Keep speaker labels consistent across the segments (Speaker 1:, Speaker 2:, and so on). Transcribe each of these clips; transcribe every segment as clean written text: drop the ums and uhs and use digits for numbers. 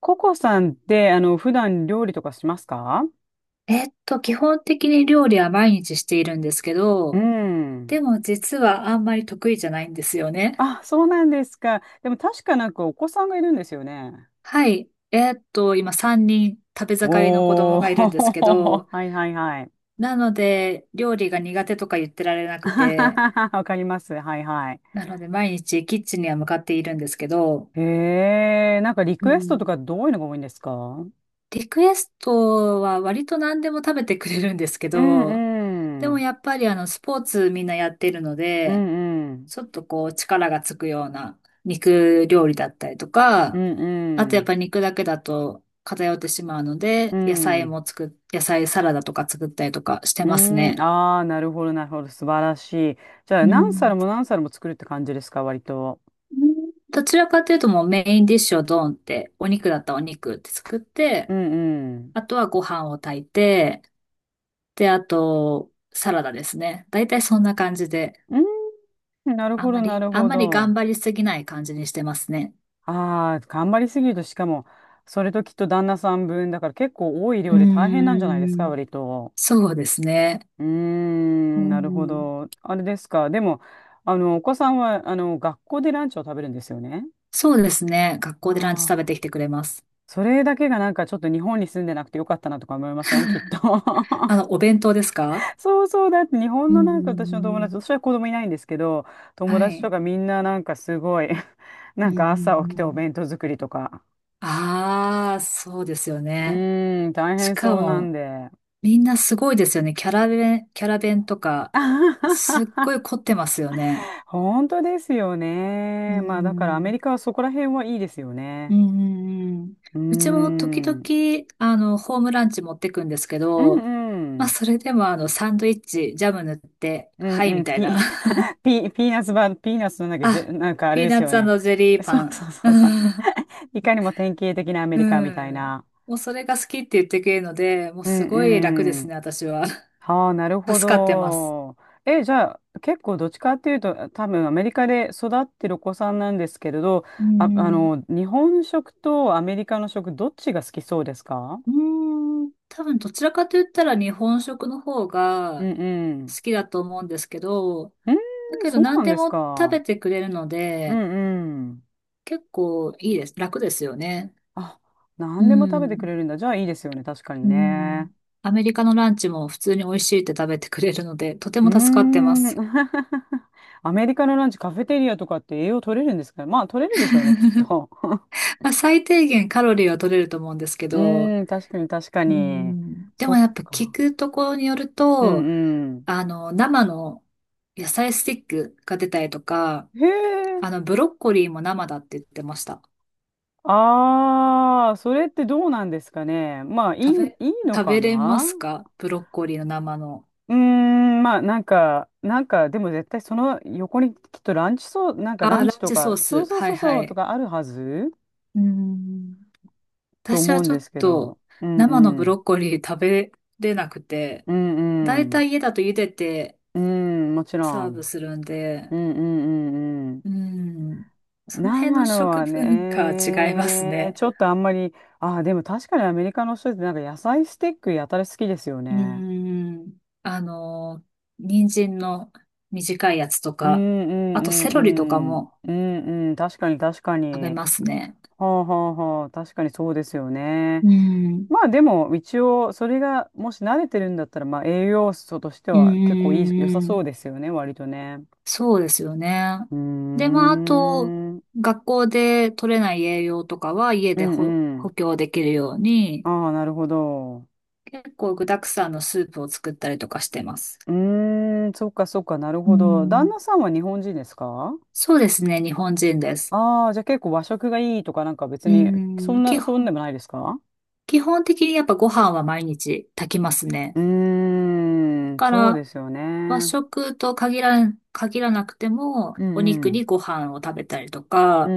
Speaker 1: ココさんって、普段料理とかしますか？
Speaker 2: 基本的に料理は毎日しているんですけ
Speaker 1: う
Speaker 2: ど、
Speaker 1: ん。
Speaker 2: でも実はあんまり得意じゃないんですよね。
Speaker 1: あ、そうなんですか。でも確かなんかお子さんがいるんですよね。
Speaker 2: はい。今3人食べ盛りの子供
Speaker 1: おー、
Speaker 2: がいるんですけど、
Speaker 1: はいはいはい。
Speaker 2: なので料理が苦手とか言ってられなくて、
Speaker 1: わかります。はいはい。
Speaker 2: なので毎日キッチンには向かっているんですけど、
Speaker 1: へえ、なんかリ
Speaker 2: う
Speaker 1: クエストとか
Speaker 2: ん、
Speaker 1: どういうのが多いんですか？
Speaker 2: リクエストは割と何でも食べてくれるんですけ
Speaker 1: う
Speaker 2: ど、
Speaker 1: ん
Speaker 2: で
Speaker 1: う
Speaker 2: も
Speaker 1: ん。
Speaker 2: やっぱりスポーツみんなやってるの
Speaker 1: う
Speaker 2: で、
Speaker 1: んうん。
Speaker 2: ちょっとこう力がつくような肉料理だったりと
Speaker 1: う
Speaker 2: か、
Speaker 1: ん
Speaker 2: あ
Speaker 1: う
Speaker 2: とやっ
Speaker 1: ん。
Speaker 2: ぱり肉だけだと偏ってしまうの
Speaker 1: う
Speaker 2: で、野菜
Speaker 1: ん。
Speaker 2: も作っ、野菜サラダとか作ったりとかして
Speaker 1: う
Speaker 2: ます
Speaker 1: ん。
Speaker 2: ね。
Speaker 1: ああ、なるほどなるほど。素晴らしい。じゃあ
Speaker 2: う
Speaker 1: 何皿
Speaker 2: ん。
Speaker 1: も何皿も作るって感じですか、割と。
Speaker 2: どちらかというともうメインディッシュをドーンって、お肉だったらお肉って作っ
Speaker 1: う
Speaker 2: て、
Speaker 1: んうん。
Speaker 2: あとはご飯を炊いて、で、あと、サラダですね。だいたいそんな感じで、
Speaker 1: うん。なる
Speaker 2: あん
Speaker 1: ほ
Speaker 2: ま
Speaker 1: ど、な
Speaker 2: り、
Speaker 1: る
Speaker 2: あん
Speaker 1: ほ
Speaker 2: まり
Speaker 1: ど。
Speaker 2: 頑張りすぎない感じにしてますね。
Speaker 1: ああ、頑張りすぎると、しかも、それときっと旦那さん分だから結構多い
Speaker 2: う
Speaker 1: 量で大変
Speaker 2: ー
Speaker 1: なんじゃないですか、
Speaker 2: ん。
Speaker 1: 割と。
Speaker 2: そうですね。
Speaker 1: うー
Speaker 2: う
Speaker 1: ん、なるほ
Speaker 2: ん。
Speaker 1: ど。あれですか。でも、お子さんは、学校でランチを食べるんですよね。
Speaker 2: そうですね。学
Speaker 1: あ
Speaker 2: 校でランチ食べ
Speaker 1: あ、
Speaker 2: てきてくれます。
Speaker 1: それだけがなんかちょっと日本に住んでなくてよかったなとか思いません、きっと。
Speaker 2: お弁当ですか？
Speaker 1: そうそう、だって日本
Speaker 2: う
Speaker 1: のなんか私の友達、
Speaker 2: ん、
Speaker 1: 私は子供いないんですけど、友達とかみんななんかすごい、
Speaker 2: う
Speaker 1: な
Speaker 2: ん、
Speaker 1: ん
Speaker 2: うん、はい。
Speaker 1: か
Speaker 2: う
Speaker 1: 朝起
Speaker 2: ん、
Speaker 1: き
Speaker 2: う
Speaker 1: て
Speaker 2: ん、
Speaker 1: お
Speaker 2: うん、
Speaker 1: 弁当作りとか。
Speaker 2: ああ、そうですよ
Speaker 1: う
Speaker 2: ね。
Speaker 1: ーん、大
Speaker 2: し
Speaker 1: 変
Speaker 2: か
Speaker 1: そうなん
Speaker 2: も、
Speaker 1: で。
Speaker 2: みんなすごいですよね。キャラ弁、キャラ弁とか、すっ ごい凝ってますよね。
Speaker 1: 本当ですよね。まあだからア
Speaker 2: う
Speaker 1: メリカはそこら辺はいいですよ
Speaker 2: う
Speaker 1: ね。
Speaker 2: ん、うん、うん、うん。
Speaker 1: うー
Speaker 2: うちも時
Speaker 1: ん。うん
Speaker 2: 々、ホームランチ持ってくんですけ
Speaker 1: う
Speaker 2: ど、まあ、
Speaker 1: ん。
Speaker 2: それでもサンドイッチ、ジャム塗って、
Speaker 1: うん
Speaker 2: はい、
Speaker 1: う
Speaker 2: み
Speaker 1: ん。
Speaker 2: たいな。
Speaker 1: ピーナッツなんだっけ、
Speaker 2: あ、
Speaker 1: なんかあれ
Speaker 2: ピー
Speaker 1: で
Speaker 2: ナ
Speaker 1: す
Speaker 2: ッ
Speaker 1: よ
Speaker 2: ツ
Speaker 1: ね。
Speaker 2: ジェリー
Speaker 1: そ
Speaker 2: パ
Speaker 1: うそ
Speaker 2: ン。
Speaker 1: うそうそう。いかにも典型的なアメ
Speaker 2: う
Speaker 1: リカみたい
Speaker 2: ん。
Speaker 1: な。
Speaker 2: もうそれが好きって言ってくれるので、もう
Speaker 1: う
Speaker 2: すごい楽で
Speaker 1: んう
Speaker 2: す
Speaker 1: ん。
Speaker 2: ね、私は。
Speaker 1: はあ、なるほ
Speaker 2: 助かってます。
Speaker 1: ど。え、じゃあ、結構どっちかっていうと、多分アメリカで育ってるお子さんなんですけれど、
Speaker 2: う
Speaker 1: あ、
Speaker 2: ん。
Speaker 1: 日本食とアメリカの食、どっちが好きそうですか？
Speaker 2: うーん。多分どちらかと言ったら日本食の方
Speaker 1: う
Speaker 2: が
Speaker 1: んう
Speaker 2: 好
Speaker 1: ん。
Speaker 2: きだと思うんですけど、
Speaker 1: うー
Speaker 2: だ
Speaker 1: ん、
Speaker 2: けど
Speaker 1: そう
Speaker 2: 何
Speaker 1: なん
Speaker 2: で
Speaker 1: です
Speaker 2: も食
Speaker 1: か。
Speaker 2: べてくれるの
Speaker 1: う
Speaker 2: で、
Speaker 1: んうん。
Speaker 2: 結構いいです。楽ですよね。
Speaker 1: あ、
Speaker 2: う
Speaker 1: 何でも食べてく
Speaker 2: ん。
Speaker 1: れるんだ。じゃあいいですよね。確かに
Speaker 2: う
Speaker 1: ね。
Speaker 2: ん。アメリカのランチも普通に美味しいって食べてくれるので、とて
Speaker 1: うー
Speaker 2: も助かってま
Speaker 1: ん。
Speaker 2: す。
Speaker 1: アメリカのランチ、カフェテリアとかって栄養取れるんですか？まあ、取れるでしょうね、きっと。
Speaker 2: まあ、最低限カロリーは取れると思うんですけ
Speaker 1: う
Speaker 2: ど、
Speaker 1: ーん、確かに確か
Speaker 2: う
Speaker 1: に。
Speaker 2: ん、で
Speaker 1: そ
Speaker 2: も
Speaker 1: っ
Speaker 2: やっぱ聞
Speaker 1: か。
Speaker 2: くところによる
Speaker 1: う
Speaker 2: と、
Speaker 1: んうん。
Speaker 2: 生の野菜スティックが出たりとか、
Speaker 1: へえ。
Speaker 2: ブロッコリーも生だって言ってました。
Speaker 1: ああ、それってどうなんですかね。まあ、
Speaker 2: 食べ、
Speaker 1: いいの
Speaker 2: 食
Speaker 1: か
Speaker 2: べれま
Speaker 1: な。
Speaker 2: すか？ブロッコリーの生の。
Speaker 1: うーん、まあ、なんか、でも絶対その横にきっとランチそう、なんかラ
Speaker 2: あ、
Speaker 1: ンチ
Speaker 2: ラン
Speaker 1: と
Speaker 2: チソ
Speaker 1: か、
Speaker 2: ー
Speaker 1: そう
Speaker 2: ス。
Speaker 1: そう
Speaker 2: は
Speaker 1: そ
Speaker 2: い
Speaker 1: う
Speaker 2: は
Speaker 1: そうと
Speaker 2: い。
Speaker 1: かあるはず
Speaker 2: うん、
Speaker 1: と
Speaker 2: 私
Speaker 1: 思
Speaker 2: は
Speaker 1: うん
Speaker 2: ちょ
Speaker 1: で
Speaker 2: っ
Speaker 1: すけど。
Speaker 2: と
Speaker 1: うん
Speaker 2: 生の
Speaker 1: う
Speaker 2: ブロ
Speaker 1: ん。
Speaker 2: ッコリー食べれなくて、
Speaker 1: う
Speaker 2: だ
Speaker 1: ん
Speaker 2: い
Speaker 1: う
Speaker 2: た
Speaker 1: ん。
Speaker 2: い家だと茹でて
Speaker 1: うん、もちろ
Speaker 2: サーブ
Speaker 1: ん。
Speaker 2: するんで、
Speaker 1: うんうんうんうん。
Speaker 2: うん。その辺
Speaker 1: 生
Speaker 2: の
Speaker 1: の
Speaker 2: 食
Speaker 1: は
Speaker 2: 文化は違います
Speaker 1: ね、
Speaker 2: ね。
Speaker 1: ちょっとあんまり、ああ、でも確かにアメリカの人ってなんか野菜スティックやたら好きですよ
Speaker 2: う
Speaker 1: ね。
Speaker 2: ん。あの、人参の短いやつと
Speaker 1: うん
Speaker 2: か、
Speaker 1: うん
Speaker 2: あ
Speaker 1: う
Speaker 2: とセロリとか
Speaker 1: んうん。
Speaker 2: も
Speaker 1: うんうん。確かに確か
Speaker 2: 食べ
Speaker 1: に。
Speaker 2: ますね。
Speaker 1: はあはあはあ。確かにそうですよね。
Speaker 2: うん。
Speaker 1: まあでも一応それがもし慣れてるんだったらまあ栄養素として
Speaker 2: うん、
Speaker 1: は結構いい、良
Speaker 2: う
Speaker 1: さ
Speaker 2: ん、う
Speaker 1: そ
Speaker 2: ん、
Speaker 1: うですよね。割とね。
Speaker 2: そうですよね。
Speaker 1: うー
Speaker 2: で、まあ、あと、
Speaker 1: ん。うん
Speaker 2: 学校で取れない栄養とかは家
Speaker 1: う
Speaker 2: で補補
Speaker 1: ん。
Speaker 2: 強できるように、
Speaker 1: ああ、なるほど。
Speaker 2: 結構具沢山のスープを作ったりとかしてます。
Speaker 1: うーん。そっかそっか。なる
Speaker 2: うん。
Speaker 1: ほ
Speaker 2: う
Speaker 1: ど。旦
Speaker 2: ん、
Speaker 1: 那さんは日本人ですか？
Speaker 2: そうですね、日本人です。
Speaker 1: ああ、じゃあ結構和食がいいとかなんか別
Speaker 2: う
Speaker 1: に
Speaker 2: ーん、基
Speaker 1: そんで
Speaker 2: 本、
Speaker 1: もないですか？
Speaker 2: 基本的にやっぱご飯は毎日炊きます
Speaker 1: う
Speaker 2: ね。
Speaker 1: ーん、
Speaker 2: か
Speaker 1: そうで
Speaker 2: ら、
Speaker 1: すよ
Speaker 2: 和
Speaker 1: ね。
Speaker 2: 食と限らなくても、
Speaker 1: う
Speaker 2: お
Speaker 1: んう
Speaker 2: 肉に
Speaker 1: ん。
Speaker 2: ご飯を食べたりと
Speaker 1: う
Speaker 2: か、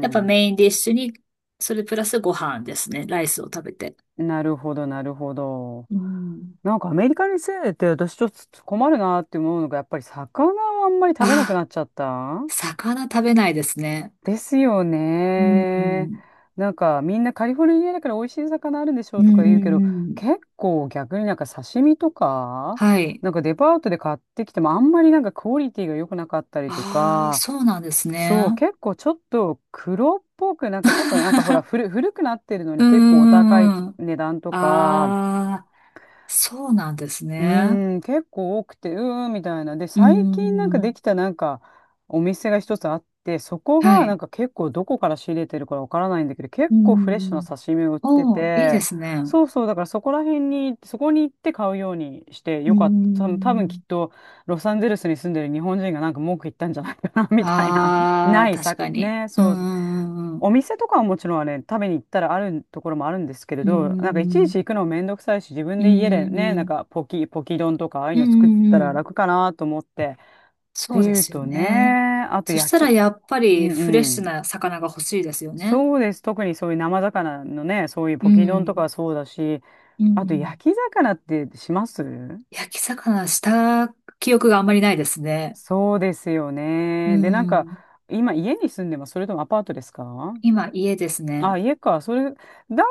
Speaker 2: やっぱメインディッシュに、それプラスご飯ですね。ライスを食べて。
Speaker 1: うん。なるほど、なるほど。
Speaker 2: うん。
Speaker 1: なんかアメリカに住んでて私ちょっと困るなって思うのがやっぱり魚をあんまり食べなくな
Speaker 2: あ、
Speaker 1: っちゃった
Speaker 2: 魚食べないですね。
Speaker 1: ですよ
Speaker 2: うん、う
Speaker 1: ね。
Speaker 2: ん。
Speaker 1: なんかみんなカリフォルニアだから美味しい魚あるんでしょ
Speaker 2: う
Speaker 1: う
Speaker 2: ん、
Speaker 1: と
Speaker 2: う
Speaker 1: か言うけど、
Speaker 2: ん、うん。
Speaker 1: 結構逆になんか刺身とか、
Speaker 2: はい。
Speaker 1: なんかデパートで買ってきてもあんまりなんかクオリティが良くなかったりと
Speaker 2: ああ、
Speaker 1: か。
Speaker 2: そうなんです
Speaker 1: そう、
Speaker 2: ね。
Speaker 1: 結構ちょっと黒っぽく、なんかちょっとなんかほら、古くなってるの
Speaker 2: う
Speaker 1: に結構お高い
Speaker 2: ん、うん、うん。
Speaker 1: 値段とか、
Speaker 2: ああ。そうなんです
Speaker 1: う
Speaker 2: ね。
Speaker 1: ーん、結構多くて、うーん、みたいな。で、
Speaker 2: うー
Speaker 1: 最近なんかでき
Speaker 2: ん。
Speaker 1: たなんかお店が一つあって、そこ
Speaker 2: は
Speaker 1: がなん
Speaker 2: い。
Speaker 1: か結構どこから仕入れてるかわからないんだけど、
Speaker 2: う
Speaker 1: 結
Speaker 2: ー
Speaker 1: 構フレッシュな
Speaker 2: ん。
Speaker 1: 刺身を売って
Speaker 2: おー、いいで
Speaker 1: て、
Speaker 2: すね。
Speaker 1: そうそう、だからそこら辺に、そこに行って買うようにして
Speaker 2: うー
Speaker 1: よかった。多分きっ
Speaker 2: ん。
Speaker 1: とロサンゼルスに住んでる日本人がなんか文句言ったんじゃないかな、みたいな。
Speaker 2: あ
Speaker 1: な
Speaker 2: あ、
Speaker 1: い
Speaker 2: 確
Speaker 1: さ、
Speaker 2: かに。
Speaker 1: ね、
Speaker 2: うー
Speaker 1: そう。
Speaker 2: ん。
Speaker 1: お
Speaker 2: う
Speaker 1: 店とかはもちろんね、食べに行ったらあるところもあるんですけれ
Speaker 2: ー
Speaker 1: ど、なんかいちいち
Speaker 2: ん。
Speaker 1: 行くのもめんどくさいし、自分
Speaker 2: うーん。
Speaker 1: で家で
Speaker 2: う
Speaker 1: ね、な
Speaker 2: ー
Speaker 1: ん
Speaker 2: ん。
Speaker 1: かポキ丼とかああいう
Speaker 2: うー
Speaker 1: の作った
Speaker 2: ん。う
Speaker 1: ら
Speaker 2: ん、
Speaker 1: 楽かなと思って。って
Speaker 2: そうで
Speaker 1: いう
Speaker 2: すよ
Speaker 1: と
Speaker 2: ね。
Speaker 1: ね、あと
Speaker 2: そした
Speaker 1: 焼
Speaker 2: ら
Speaker 1: き。
Speaker 2: やっぱ
Speaker 1: うん
Speaker 2: りフレッ
Speaker 1: う
Speaker 2: シュ
Speaker 1: ん。
Speaker 2: な魚が欲しいですよね。
Speaker 1: そうです。特にそういう生魚のね、そういう
Speaker 2: う
Speaker 1: ポキ丼とかは
Speaker 2: ん。
Speaker 1: そうだし、
Speaker 2: うん。
Speaker 1: あ
Speaker 2: う
Speaker 1: と
Speaker 2: ん。
Speaker 1: 焼き魚ってします？
Speaker 2: 焼き魚した記憶があんまりないですね。
Speaker 1: そうですよ
Speaker 2: う
Speaker 1: ね。で、なんか、
Speaker 2: ん。
Speaker 1: 今家に住んでます？それともアパートですか？
Speaker 2: 今、家です
Speaker 1: あ、
Speaker 2: ね。
Speaker 1: 家か。それ、だ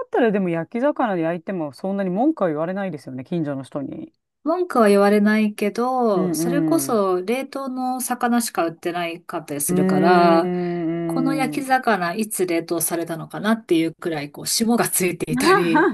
Speaker 1: ったらでも焼き魚で焼いてもそんなに文句は言われないですよね、近所の人に。
Speaker 2: 文句は言われないけ
Speaker 1: う
Speaker 2: ど、
Speaker 1: ん
Speaker 2: それこ
Speaker 1: うん。
Speaker 2: そ冷凍の魚しか売ってないかったり
Speaker 1: うー
Speaker 2: するから、この
Speaker 1: ん、うーん、う
Speaker 2: 焼き
Speaker 1: ん。
Speaker 2: 魚いつ冷凍されたのかなっていうくらい、こう、霜がついていたり、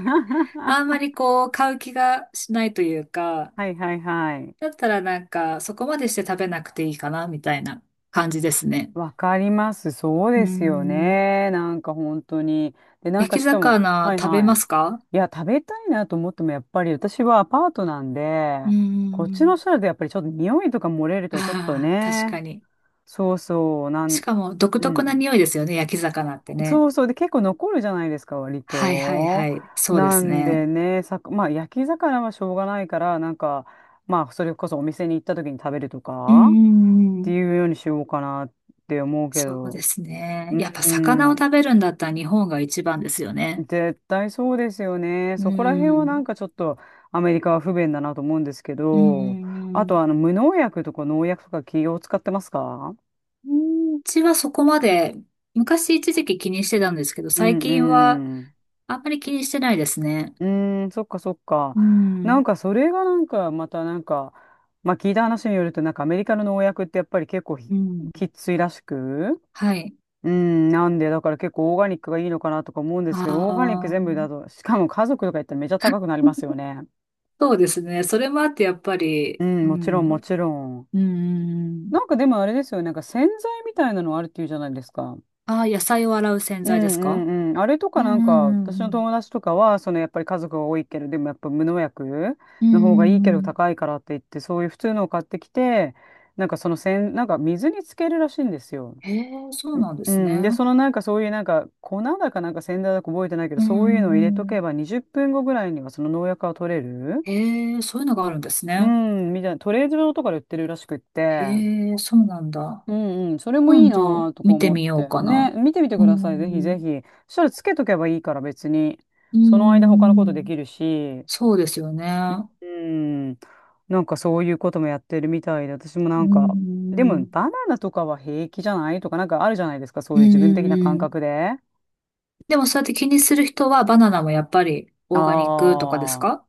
Speaker 2: あんま りこう、買う気がしないというか、
Speaker 1: はいはいはい。
Speaker 2: だったらなんか、そこまでして食べなくていいかな、みたいな感じですね。
Speaker 1: わかります。そう
Speaker 2: うー
Speaker 1: ですよ
Speaker 2: ん。
Speaker 1: ね。なんか本当に。で、なん
Speaker 2: 焼
Speaker 1: か
Speaker 2: き
Speaker 1: しかも、は
Speaker 2: 魚
Speaker 1: い
Speaker 2: 食べ
Speaker 1: はい。
Speaker 2: ま
Speaker 1: い
Speaker 2: すか？
Speaker 1: や、食べたいなと思っても、やっぱり私はアパートなんで、
Speaker 2: うー
Speaker 1: こっちの
Speaker 2: ん。
Speaker 1: 人だとやっぱりちょっと匂いとか漏れるとちょっと
Speaker 2: ああ、確
Speaker 1: ね、
Speaker 2: かに。
Speaker 1: そうそう、な
Speaker 2: し
Speaker 1: ん、
Speaker 2: かも独
Speaker 1: う
Speaker 2: 特な
Speaker 1: ん。
Speaker 2: 匂いですよね、焼き魚って
Speaker 1: そ
Speaker 2: ね。
Speaker 1: うそう。で、結構残るじゃないですか、割
Speaker 2: はい、はい、
Speaker 1: と。
Speaker 2: はい。そうで
Speaker 1: な
Speaker 2: す
Speaker 1: んで
Speaker 2: ね。
Speaker 1: ね、さく、まあ、焼き魚はしょうがないから、なんか、まあ、それこそお店に行った時に食べると
Speaker 2: うん、
Speaker 1: か、
Speaker 2: うん、
Speaker 1: っ
Speaker 2: う
Speaker 1: て
Speaker 2: ん。
Speaker 1: いうようにしようかなって思うけ
Speaker 2: そうで
Speaker 1: ど。
Speaker 2: すね。
Speaker 1: うー
Speaker 2: やっぱ魚を
Speaker 1: ん、
Speaker 2: 食べるんだったら日本が一番ですよね。
Speaker 1: 絶対そうですよね。
Speaker 2: う
Speaker 1: そこら辺はなん
Speaker 2: ん。
Speaker 1: かちょっとアメリカは不便だなと思うんですけ
Speaker 2: うん、
Speaker 1: ど、
Speaker 2: う
Speaker 1: あ
Speaker 2: ん、う
Speaker 1: と
Speaker 2: ん。
Speaker 1: 無農薬とか農薬とか企業使ってますか？
Speaker 2: うちはそこまで、昔一時期気にしてたんですけど、
Speaker 1: う
Speaker 2: 最近は
Speaker 1: んうん。
Speaker 2: あんまり気にしてないですね。
Speaker 1: うーん、そっかそっか。
Speaker 2: う
Speaker 1: な
Speaker 2: ん。
Speaker 1: んかそれがなんかまたなんか、まあ聞いた話によるとなんかアメリカの農薬ってやっぱり結構ひ
Speaker 2: うん。
Speaker 1: きっついらしく、
Speaker 2: はい。
Speaker 1: うん、なんでだから結構オーガニックがいいのかなとか思うんで
Speaker 2: あ
Speaker 1: すけど、オーガニック
Speaker 2: あ。
Speaker 1: 全部だと、しかも家族とか言ったらめちゃ高くなりますよ ね。
Speaker 2: そうですね。それもあってやっぱ
Speaker 1: う
Speaker 2: り、う
Speaker 1: ん、もちろ
Speaker 2: ん。
Speaker 1: ん
Speaker 2: う
Speaker 1: も
Speaker 2: ん、
Speaker 1: ちろん。
Speaker 2: うん、うん。
Speaker 1: なんかでもあれですよね、なんか洗剤みたいなのあるっていうじゃないですか。
Speaker 2: ああ、野菜を洗う洗
Speaker 1: う
Speaker 2: 剤です
Speaker 1: ん
Speaker 2: か？
Speaker 1: うんうん。あれと
Speaker 2: う
Speaker 1: か
Speaker 2: ん、う
Speaker 1: なんか、
Speaker 2: ん、うん、
Speaker 1: 私
Speaker 2: う
Speaker 1: の
Speaker 2: ん。
Speaker 1: 友達とかは、そのやっぱり家族が多いけど、でもやっぱ無農薬
Speaker 2: う
Speaker 1: の方がいいけど
Speaker 2: ん。
Speaker 1: 高いからって言って、そういう普通のを買ってきて、なんかそのせん、なんか水につけるらしいんですよ。
Speaker 2: へえ、そうなんで
Speaker 1: う
Speaker 2: すね。
Speaker 1: ん。で、そのなんかそういうなんか粉だかなんか洗剤だか覚えてないけど、
Speaker 2: う
Speaker 1: そういうのを入れ
Speaker 2: ん、
Speaker 1: と
Speaker 2: うん、
Speaker 1: けば20分後ぐらいにはその農薬は取れる。
Speaker 2: へえ、そういうのがあるんです
Speaker 1: う
Speaker 2: ね。
Speaker 1: ん、みたいな、トレードとかで売ってるらしくって。
Speaker 2: へえ、そうなんだ。
Speaker 1: うんうん、それもいい
Speaker 2: 今
Speaker 1: な
Speaker 2: 度
Speaker 1: ぁとか
Speaker 2: 見て
Speaker 1: 思っ
Speaker 2: みよう
Speaker 1: て。
Speaker 2: か
Speaker 1: ね、
Speaker 2: な。
Speaker 1: 見てみて
Speaker 2: う
Speaker 1: ください、ぜひぜ
Speaker 2: ん。
Speaker 1: ひ。そしたらつけとけばいいから別に。
Speaker 2: う
Speaker 1: その間他のことで
Speaker 2: ん。
Speaker 1: きるし、
Speaker 2: そうですよね。
Speaker 1: うん、なんかそういうこともやってるみたいで、私もな
Speaker 2: う
Speaker 1: んか、でも
Speaker 2: ん。
Speaker 1: バナナとかは平気じゃないとかなんかあるじゃないですか、そ
Speaker 2: う
Speaker 1: う
Speaker 2: ん、
Speaker 1: いう自分
Speaker 2: う
Speaker 1: 的な
Speaker 2: ん、う
Speaker 1: 感
Speaker 2: ん、
Speaker 1: 覚で。
Speaker 2: でもそうやって気にする人はバナナもやっぱりオーガニックとかです
Speaker 1: ああ、
Speaker 2: か？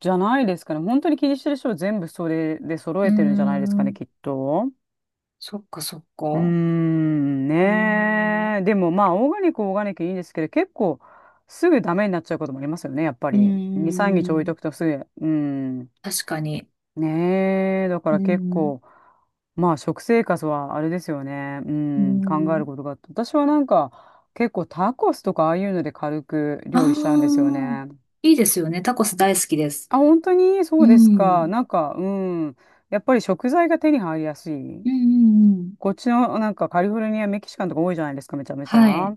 Speaker 1: じゃないですかね。本当に気にしてる人は全部それで揃
Speaker 2: うー
Speaker 1: えてるんじゃないですかね、
Speaker 2: ん。
Speaker 1: きっと。
Speaker 2: そっかそっか。
Speaker 1: うー
Speaker 2: う
Speaker 1: ん、
Speaker 2: ー
Speaker 1: ね
Speaker 2: ん。
Speaker 1: え。でもまあ、オーガニックいいんですけど、結構すぐダメになっちゃうこともありますよね、やっぱ
Speaker 2: う
Speaker 1: り。
Speaker 2: ー
Speaker 1: 2、3日置いと
Speaker 2: ん。
Speaker 1: くとすぐ。うん。
Speaker 2: 確かに。
Speaker 1: ねえ。だか
Speaker 2: うー
Speaker 1: ら結
Speaker 2: ん。
Speaker 1: 構、まあ、食生活はあれですよね。う
Speaker 2: うー
Speaker 1: ん、考える
Speaker 2: ん。
Speaker 1: ことがあって。私はなんか、結構タコスとかああいうので軽く
Speaker 2: あ
Speaker 1: 料理しちゃうんですよ
Speaker 2: あ、
Speaker 1: ね。
Speaker 2: いいですよね。タコス大好きです。
Speaker 1: あ、本当にそ
Speaker 2: う
Speaker 1: うですか。
Speaker 2: ん。
Speaker 1: なんか、うん。やっぱり食材が手に入りやすい。
Speaker 2: うん、うん、うん。
Speaker 1: こっちのなんかカリフォルニア、メキシカンとか多いじゃないですか、めちゃめち
Speaker 2: は
Speaker 1: ゃ。
Speaker 2: い。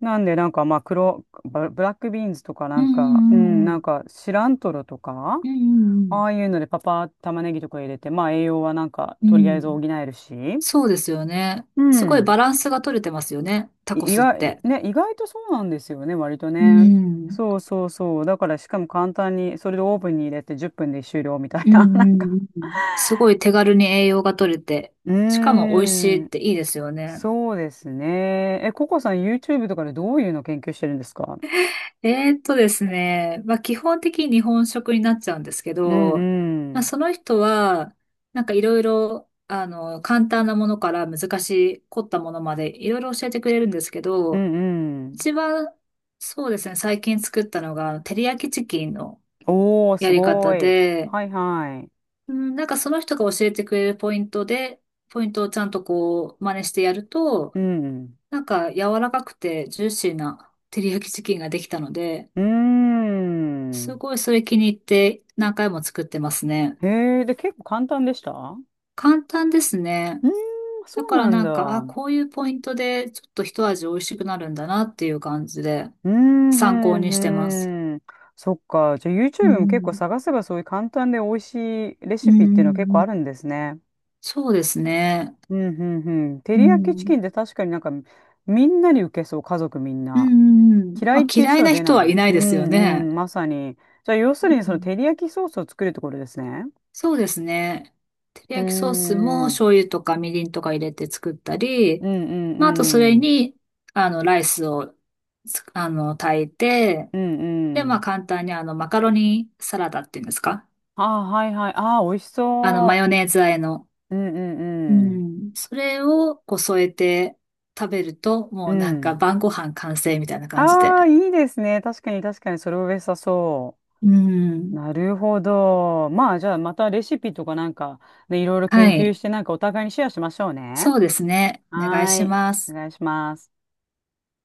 Speaker 1: なんで、なんか、まあ、黒、ブブラックビーンズとか、
Speaker 2: う
Speaker 1: なんか、うん、
Speaker 2: ん、う
Speaker 1: な
Speaker 2: ん、
Speaker 1: んか、シラントロとか、
Speaker 2: うん、うん。
Speaker 1: ああいうので、玉ねぎとか入れて、まあ、栄養はなんか、
Speaker 2: うん、う
Speaker 1: と
Speaker 2: ん、
Speaker 1: り
Speaker 2: うん。
Speaker 1: あ
Speaker 2: う
Speaker 1: えず補
Speaker 2: ん、
Speaker 1: えるし、
Speaker 2: そうですよね。
Speaker 1: う
Speaker 2: すごい
Speaker 1: ん、
Speaker 2: バランスが取れてますよね。タ
Speaker 1: い
Speaker 2: コ
Speaker 1: 意
Speaker 2: スっ
Speaker 1: 外、
Speaker 2: て。
Speaker 1: ね、意外とそうなんですよね、割と
Speaker 2: う
Speaker 1: ね。
Speaker 2: ん。
Speaker 1: そうそうそう。だから、しかも簡単に、それでオーブンに入れて10分で終了みたい
Speaker 2: う
Speaker 1: な、な
Speaker 2: ん、
Speaker 1: ん
Speaker 2: う
Speaker 1: か。
Speaker 2: ん、うん。すごい手軽に栄養が取れて、
Speaker 1: う
Speaker 2: しかも美味しい
Speaker 1: ー
Speaker 2: っ
Speaker 1: ん、
Speaker 2: ていいですよね。
Speaker 1: そうですね。え、ココさん、YouTube とかでどういうの研究してるんですか？
Speaker 2: ですね、まあ、基本的に日本食になっちゃうんですけ
Speaker 1: うん
Speaker 2: ど、
Speaker 1: う
Speaker 2: まあ、
Speaker 1: ん、
Speaker 2: その人は、なんかいろいろ、簡単なものから難しい、凝ったものまでいろいろ教えてくれるんですけ
Speaker 1: う
Speaker 2: ど、
Speaker 1: んうん。
Speaker 2: 一番、そうですね、最近作ったのが、照り焼きチキンの
Speaker 1: おー、
Speaker 2: や
Speaker 1: す
Speaker 2: り方
Speaker 1: ごい。
Speaker 2: で、
Speaker 1: はいはい。
Speaker 2: うん、なんかその人が教えてくれるポイントで、ポイントをちゃんとこう、真似してやると、
Speaker 1: うん。
Speaker 2: なんか柔らかくてジューシーな照り焼きチキンができたので、
Speaker 1: うー
Speaker 2: す
Speaker 1: ん。
Speaker 2: ごいそれ気に入って何回も作ってますね。
Speaker 1: へえ、で、結構簡単でした？う
Speaker 2: 簡単ですね。
Speaker 1: ーん、そ
Speaker 2: だ
Speaker 1: う
Speaker 2: から
Speaker 1: なん
Speaker 2: な
Speaker 1: だ。
Speaker 2: んか、あ、
Speaker 1: う
Speaker 2: こういうポイントでちょっと一味美味しくなるんだなっていう感じで
Speaker 1: ーん、ふ
Speaker 2: 参考にしてます。
Speaker 1: ん、ふん。そっか。じゃあ
Speaker 2: う
Speaker 1: YouTube も結構
Speaker 2: ん。
Speaker 1: 探せばそういう簡単で美味しいレ
Speaker 2: う
Speaker 1: シピっていうのは結構あ
Speaker 2: ん。
Speaker 1: るんですね。
Speaker 2: そうですね。
Speaker 1: うん、ふん、ふん。照
Speaker 2: う
Speaker 1: り焼きチキ
Speaker 2: ん。
Speaker 1: ンって確かになんかみんなに受けそう、家族みん
Speaker 2: う
Speaker 1: な。
Speaker 2: ん。
Speaker 1: 嫌い
Speaker 2: ま
Speaker 1: っ
Speaker 2: あ
Speaker 1: ていう
Speaker 2: 嫌
Speaker 1: 人
Speaker 2: い
Speaker 1: は
Speaker 2: な
Speaker 1: 出な
Speaker 2: 人はい
Speaker 1: い。
Speaker 2: な
Speaker 1: う
Speaker 2: いですよ
Speaker 1: ん、
Speaker 2: ね。
Speaker 1: うん、まさに。じゃあ要す
Speaker 2: う
Speaker 1: るにその
Speaker 2: ん。
Speaker 1: 照り焼きソースを作るところですね。
Speaker 2: そうですね。照り
Speaker 1: うー
Speaker 2: 焼きソースも
Speaker 1: ん。
Speaker 2: 醤油とかみりんとか入れて作った
Speaker 1: う
Speaker 2: り、
Speaker 1: んう
Speaker 2: まあ、あとそれ
Speaker 1: んうん。
Speaker 2: に、ライスをつ、あの、炊いて、
Speaker 1: うん
Speaker 2: で、
Speaker 1: う
Speaker 2: まあ、
Speaker 1: ん。
Speaker 2: 簡単にマカロニサラダっていうんですか？
Speaker 1: ああ、はいはい。ああ、美味し
Speaker 2: マ
Speaker 1: そ
Speaker 2: ヨネーズ和えの。
Speaker 1: う。うんう
Speaker 2: う
Speaker 1: んうん。
Speaker 2: ん。それをこう添えて食べると、
Speaker 1: う
Speaker 2: もうなんか
Speaker 1: ん。
Speaker 2: 晩ご飯完成みたいな感じで。
Speaker 1: ああ、いいですね。確かに確かに、それを良さそ
Speaker 2: う
Speaker 1: う。
Speaker 2: ん。
Speaker 1: なるほど。まあ、じゃあ、またレシピとかなんか、ね、いろいろ
Speaker 2: は
Speaker 1: 研究
Speaker 2: い。
Speaker 1: して、なんかお互いにシェアしましょうね。
Speaker 2: そうですね。お願い
Speaker 1: は
Speaker 2: し
Speaker 1: ーい。
Speaker 2: ま
Speaker 1: お
Speaker 2: す。
Speaker 1: 願いします。